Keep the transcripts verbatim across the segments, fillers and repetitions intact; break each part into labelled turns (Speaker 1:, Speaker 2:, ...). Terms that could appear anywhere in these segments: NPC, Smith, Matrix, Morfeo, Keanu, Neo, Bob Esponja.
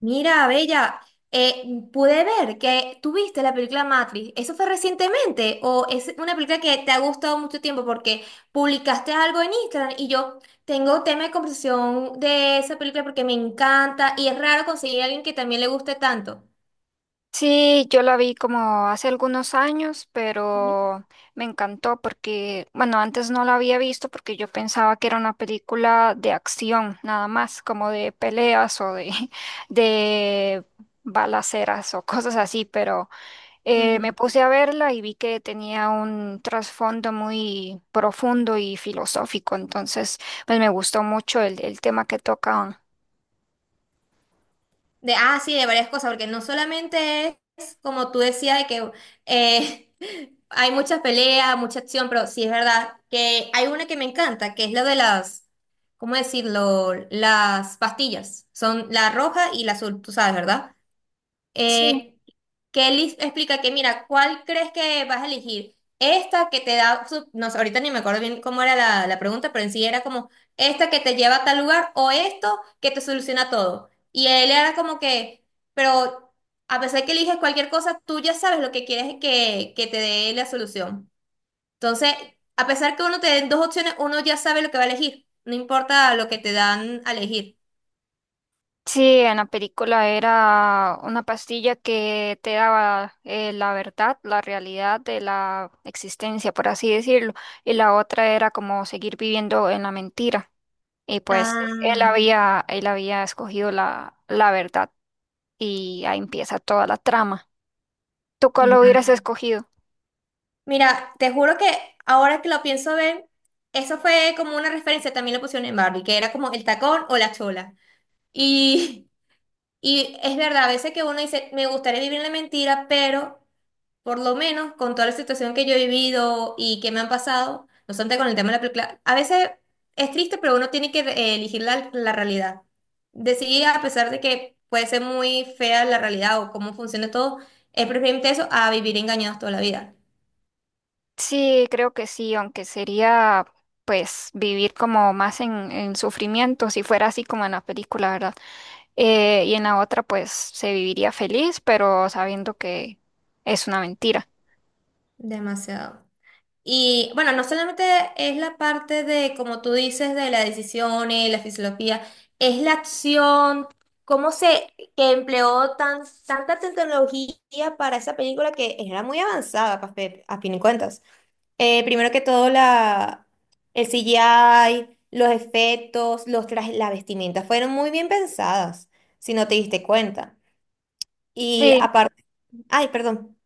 Speaker 1: Mira, Bella, eh, pude ver que tú viste la película Matrix. ¿Eso fue recientemente o es una película que te ha gustado mucho tiempo porque publicaste algo en Instagram? Y yo tengo tema de conversación de esa película porque me encanta y es raro conseguir a alguien que también le guste tanto.
Speaker 2: Sí, yo la vi como hace algunos años, pero me encantó porque, bueno, antes no la había visto porque yo pensaba que era una película de acción, nada más, como de peleas o de, de balaceras o cosas así, pero eh, me
Speaker 1: Ujú.
Speaker 2: puse a verla y vi que tenía un trasfondo muy profundo y filosófico, entonces, pues me gustó mucho el, el tema que tocaban.
Speaker 1: De, ah, sí, de varias cosas, porque no solamente es, como tú decías, de que eh, hay muchas peleas, mucha acción, pero sí es verdad que hay una que me encanta, que es la de las, ¿cómo decirlo? Las pastillas. Son la roja y la azul, tú sabes, ¿verdad?
Speaker 2: Sí.
Speaker 1: Eh, que él explica que, mira, ¿cuál crees que vas a elegir? Esta que te da, su- no sé, ahorita ni me acuerdo bien cómo era la, la pregunta, pero en sí era como, esta que te lleva a tal lugar o esto que te soluciona todo. Y él era como que, pero a pesar de que eliges cualquier cosa, tú ya sabes lo que quieres que, que te dé la solución. Entonces, a pesar que uno te den dos opciones, uno ya sabe lo que va a elegir, no importa lo que te dan a elegir.
Speaker 2: Sí, en la película era una pastilla que te daba eh, la verdad, la realidad de la existencia, por así decirlo, y la otra era como seguir viviendo en la mentira. Y pues él
Speaker 1: Ah,
Speaker 2: había, él había escogido la, la verdad y ahí empieza toda la trama. ¿Tú cuál
Speaker 1: ya.
Speaker 2: hubieras escogido?
Speaker 1: Mira, te juro que ahora que lo pienso ver, eso fue como una referencia, también lo pusieron en Barbie, que era como el tacón o la chola. Y, y es verdad, a veces que uno dice, me gustaría vivir en la mentira, pero por lo menos con toda la situación que yo he vivido y que me han pasado, no obstante con el tema de la película, a veces es triste, pero uno tiene que eh, elegir la, la realidad. Decidir, a pesar de que puede ser muy fea la realidad o cómo funciona todo, es preferible eso a vivir engañados toda la vida.
Speaker 2: Sí, creo que sí, aunque sería pues vivir como más en, en sufrimiento, si fuera así como en la película, ¿verdad? eh, y en la otra pues se viviría feliz, pero sabiendo que es una mentira.
Speaker 1: Demasiado. Y bueno, no solamente es la parte de, como tú dices, de las decisiones, la fisiología, es la acción, cómo se que empleó tan, tanta tecnología para esa película que era muy avanzada, pa- pe- a fin de cuentas. Eh, primero que todo, la, el C G I, los efectos, los trajes, la vestimenta fueron muy bien pensadas, si no te diste cuenta. Y
Speaker 2: Sí.
Speaker 1: aparte, ay, perdón.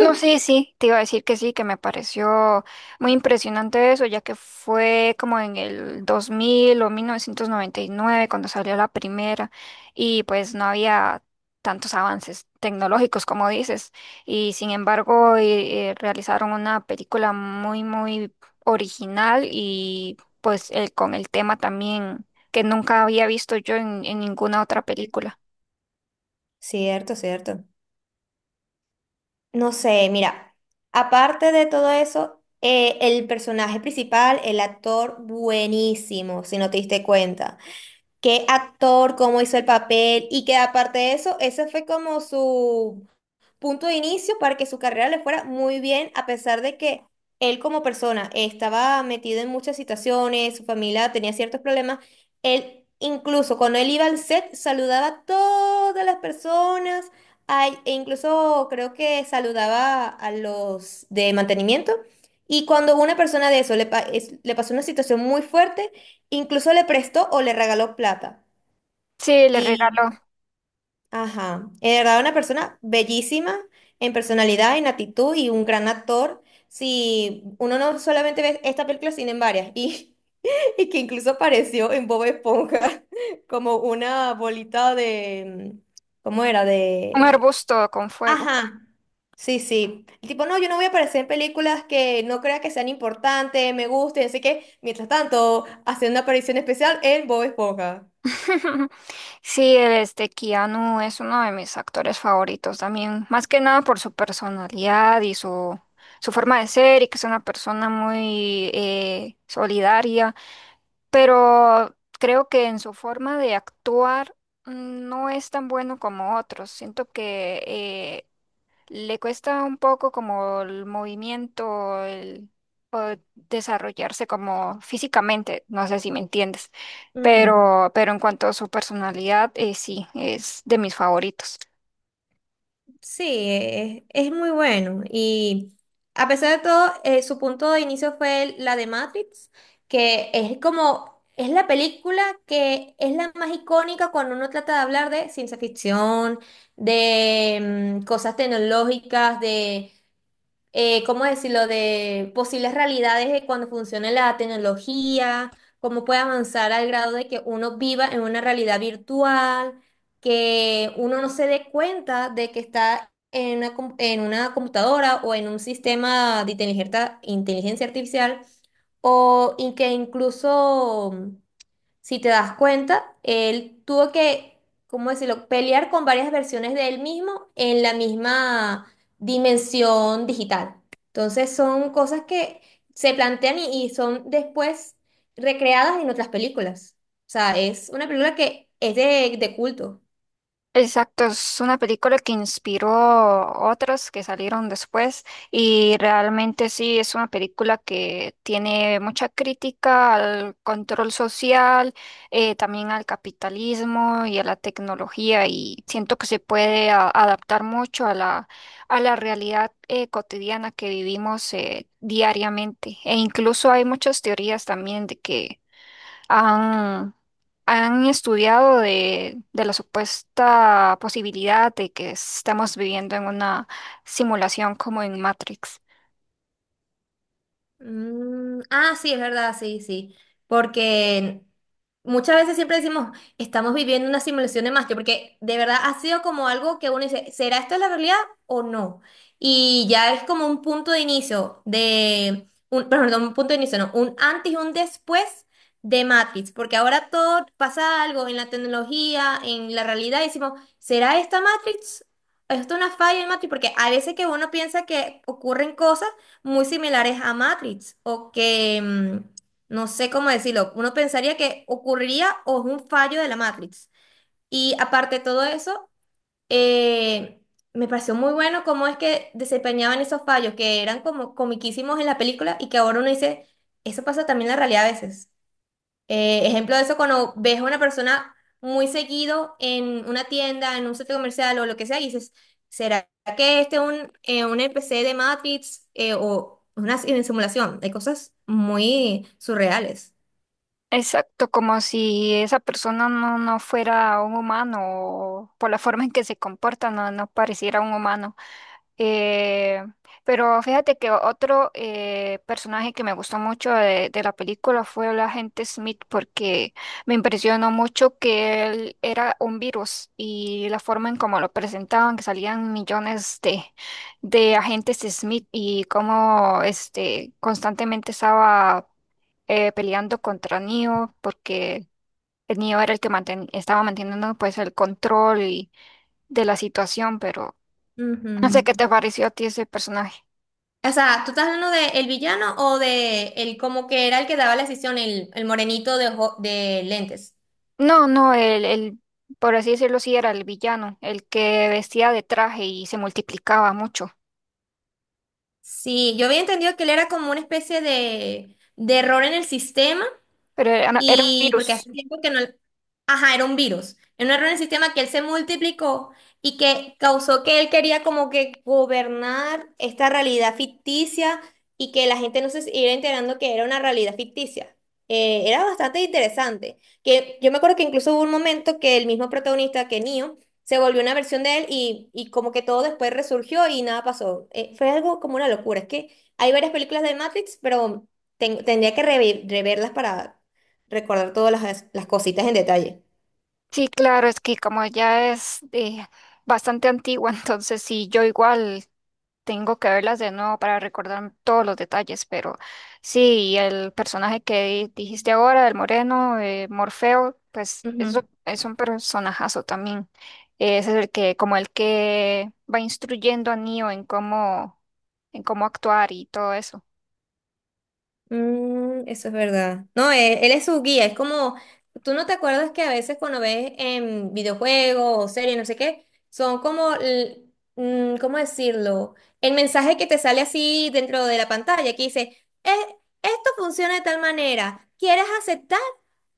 Speaker 2: No, sí, sí, te iba a decir que sí, que me pareció muy impresionante eso, ya que fue como en el dos mil o mil novecientos noventa y nueve cuando salió la primera y pues no había tantos avances tecnológicos como dices y sin embargo eh, eh, realizaron una película muy, muy original y pues el- con el tema también que nunca había visto yo en, en ninguna otra película.
Speaker 1: Cierto, cierto. No sé, mira, aparte de todo eso, eh, el personaje principal, el actor, buenísimo, si no te diste cuenta. Qué actor, cómo hizo el papel y que aparte de eso, ese fue como su punto de inicio para que su carrera le fuera muy bien, a pesar de que él como persona estaba metido en muchas situaciones, su familia tenía ciertos problemas, él incluso cuando él iba al set saludaba a todas las personas, ay, e incluso creo que saludaba a los de mantenimiento. Y cuando una persona de eso le, pa- es- le pasó una situación muy fuerte, incluso le prestó o le regaló plata.
Speaker 2: Sí, le regaló
Speaker 1: Y ajá. En verdad, una persona bellísima en personalidad, en actitud y un gran actor. Si uno no solamente ve esta película, sino en varias. Y, y que incluso apareció en Bob Esponja como una bolita de... mm, ¿cómo era?
Speaker 2: un
Speaker 1: De...
Speaker 2: arbusto con fuego.
Speaker 1: Ajá. Sí, sí. El tipo, no, yo no voy a aparecer en películas que no crea que sean importantes, me gusten. Así que, mientras tanto, hace una aparición especial en Bob Esponja.
Speaker 2: Sí, este Keanu es uno de mis actores favoritos también, más que nada por su personalidad y su, su forma de ser y que es una persona muy eh, solidaria, pero creo que en su forma de actuar mm, no es tan bueno como otros. Siento que eh, le cuesta un poco como el movimiento, el o desarrollarse como físicamente, no sé si me entiendes, pero, pero en cuanto a su personalidad, eh, sí, es de mis favoritos.
Speaker 1: Sí, es, es muy bueno. Y a pesar de todo, eh, su punto de inicio fue el- la de Matrix, que es como, es la película que es la más icónica cuando uno trata de hablar de ciencia ficción, de mm, cosas tecnológicas, de eh, ¿cómo decirlo?, de posibles realidades de cuando funcione la tecnología, cómo puede avanzar al grado de que uno viva en una realidad virtual, que uno no se dé cuenta de que está en una, com- en una computadora o en un sistema de inteligencia, inteligencia artificial, o y que incluso si te das cuenta, él tuvo que, ¿cómo decirlo?, pelear con varias versiones de él mismo en la misma dimensión digital. Entonces son cosas que se plantean y, y son después recreadas en otras películas. O sea, es una película que es de, de culto.
Speaker 2: Exacto, es una película que inspiró otras que salieron después y realmente sí es una película que tiene mucha crítica al control social, eh, también al capitalismo y a la tecnología y siento que se puede a- adaptar mucho a la, a la realidad eh, cotidiana que vivimos eh, diariamente e incluso hay muchas teorías también de que han, han estudiado de, de la supuesta posibilidad de que estamos viviendo en una simulación como en Matrix.
Speaker 1: Mm, ah, sí, es verdad, sí, sí. Porque muchas veces siempre decimos, estamos viviendo una simulación de Matrix, porque de verdad ha sido como algo que uno dice, ¿será esto la realidad o no? Y ya es como un punto de inicio de, un, perdón, no, un punto de inicio, no, un antes y un después de Matrix, porque ahora todo pasa algo en la tecnología, en la realidad, y decimos, ¿será esta Matrix? ¿Esto es una falla en Matrix? Porque a veces que uno piensa que ocurren cosas muy similares a Matrix o que, mm, no sé cómo decirlo, uno pensaría que ocurriría o es un fallo de la Matrix. Y aparte de todo eso, eh, me pareció muy bueno cómo es que desempeñaban esos fallos que eran como comiquísimos en la película y que ahora uno dice, eso pasa también en la realidad a veces. Eh, ejemplo de eso, cuando ves a una persona muy seguido en una tienda, en un centro comercial o lo que sea, y dices, ¿será que este es un, eh, un N P C de Matrix eh, o una sim- simulación? Hay cosas muy surreales.
Speaker 2: Exacto, como si esa persona no, no fuera un humano o por la forma en que se comporta no, no pareciera un humano. Eh, pero fíjate que otro eh, personaje que me gustó mucho de, de la película fue el agente Smith porque me impresionó mucho que él era un virus y la forma en cómo lo presentaban, que salían millones de, de agentes Smith y cómo este, constantemente estaba eh, peleando contra Neo porque el Neo era el que manten- estaba manteniendo pues el control y- de la situación, pero no sé
Speaker 1: Ujú.
Speaker 2: qué te pareció a ti ese personaje.
Speaker 1: O sea, ¿tú estás hablando de el villano o de el como que era el que daba la decisión, el, el morenito de, ojo- de lentes?
Speaker 2: No, no, el, el, por así decirlo, sí era el villano, el que vestía de traje y se multiplicaba mucho,
Speaker 1: Sí, yo había entendido que él era como una especie de, de error en el sistema.
Speaker 2: pero era, no, era un
Speaker 1: Y porque hace
Speaker 2: virus.
Speaker 1: tiempo que no... Ajá, era un virus. Era un error en el sistema que él se multiplicó y que causó que él quería como que gobernar esta realidad ficticia y que la gente no se iba enterando que era una realidad ficticia. Eh, era bastante interesante. Que yo me acuerdo que incluso hubo un momento que el mismo protagonista, que Neo, se volvió una versión de él y, y como que todo después resurgió y nada pasó. Eh, fue algo como una locura. Es que hay varias películas de Matrix, pero ten- tendría que revi- reverlas para recordar todas las, las cositas en detalle.
Speaker 2: Sí, claro, es que como ya es eh, bastante antigua, entonces sí, yo igual. Tengo que verlas de nuevo para recordar todos los detalles, pero sí, el personaje que di- dijiste ahora, el moreno, eh, Morfeo, pues eso
Speaker 1: Ujú.
Speaker 2: es un personajazo también. Ese es el que, como el que va instruyendo a Neo en cómo, en cómo actuar y todo eso.
Speaker 1: Mm, eso es verdad. No, él, él es su guía, es como, tú no te acuerdas que a veces cuando ves en videojuegos o series, no sé qué, son como, l- mm, ¿cómo decirlo? El mensaje que te sale así dentro de la pantalla, que dice, "Eh, esto funciona de tal manera, ¿quieres aceptar?"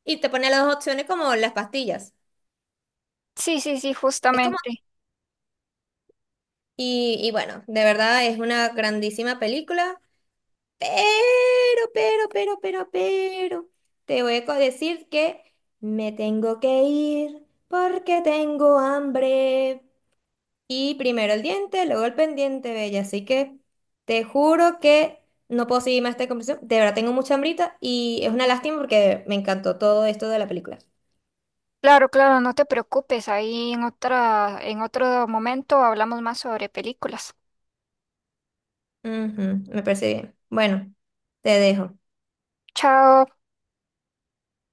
Speaker 1: Y te pone las dos opciones como las pastillas.
Speaker 2: Sí, sí, sí,
Speaker 1: Es como,
Speaker 2: justamente.
Speaker 1: Y, y bueno, de verdad es una grandísima película, pero, pero, pero, pero, pero, te voy a co- decir que me tengo que ir porque tengo hambre. Y primero el diente, luego el pendiente, bella. Así que te juro que no puedo seguir más esta conversación. De verdad tengo mucha hambrita y es una lástima porque me encantó todo esto de la película.
Speaker 2: Claro, claro, no te preocupes. Ahí en otra, en otro momento hablamos más sobre películas.
Speaker 1: Ujú, me parece bien. Bueno, te dejo.
Speaker 2: Chao.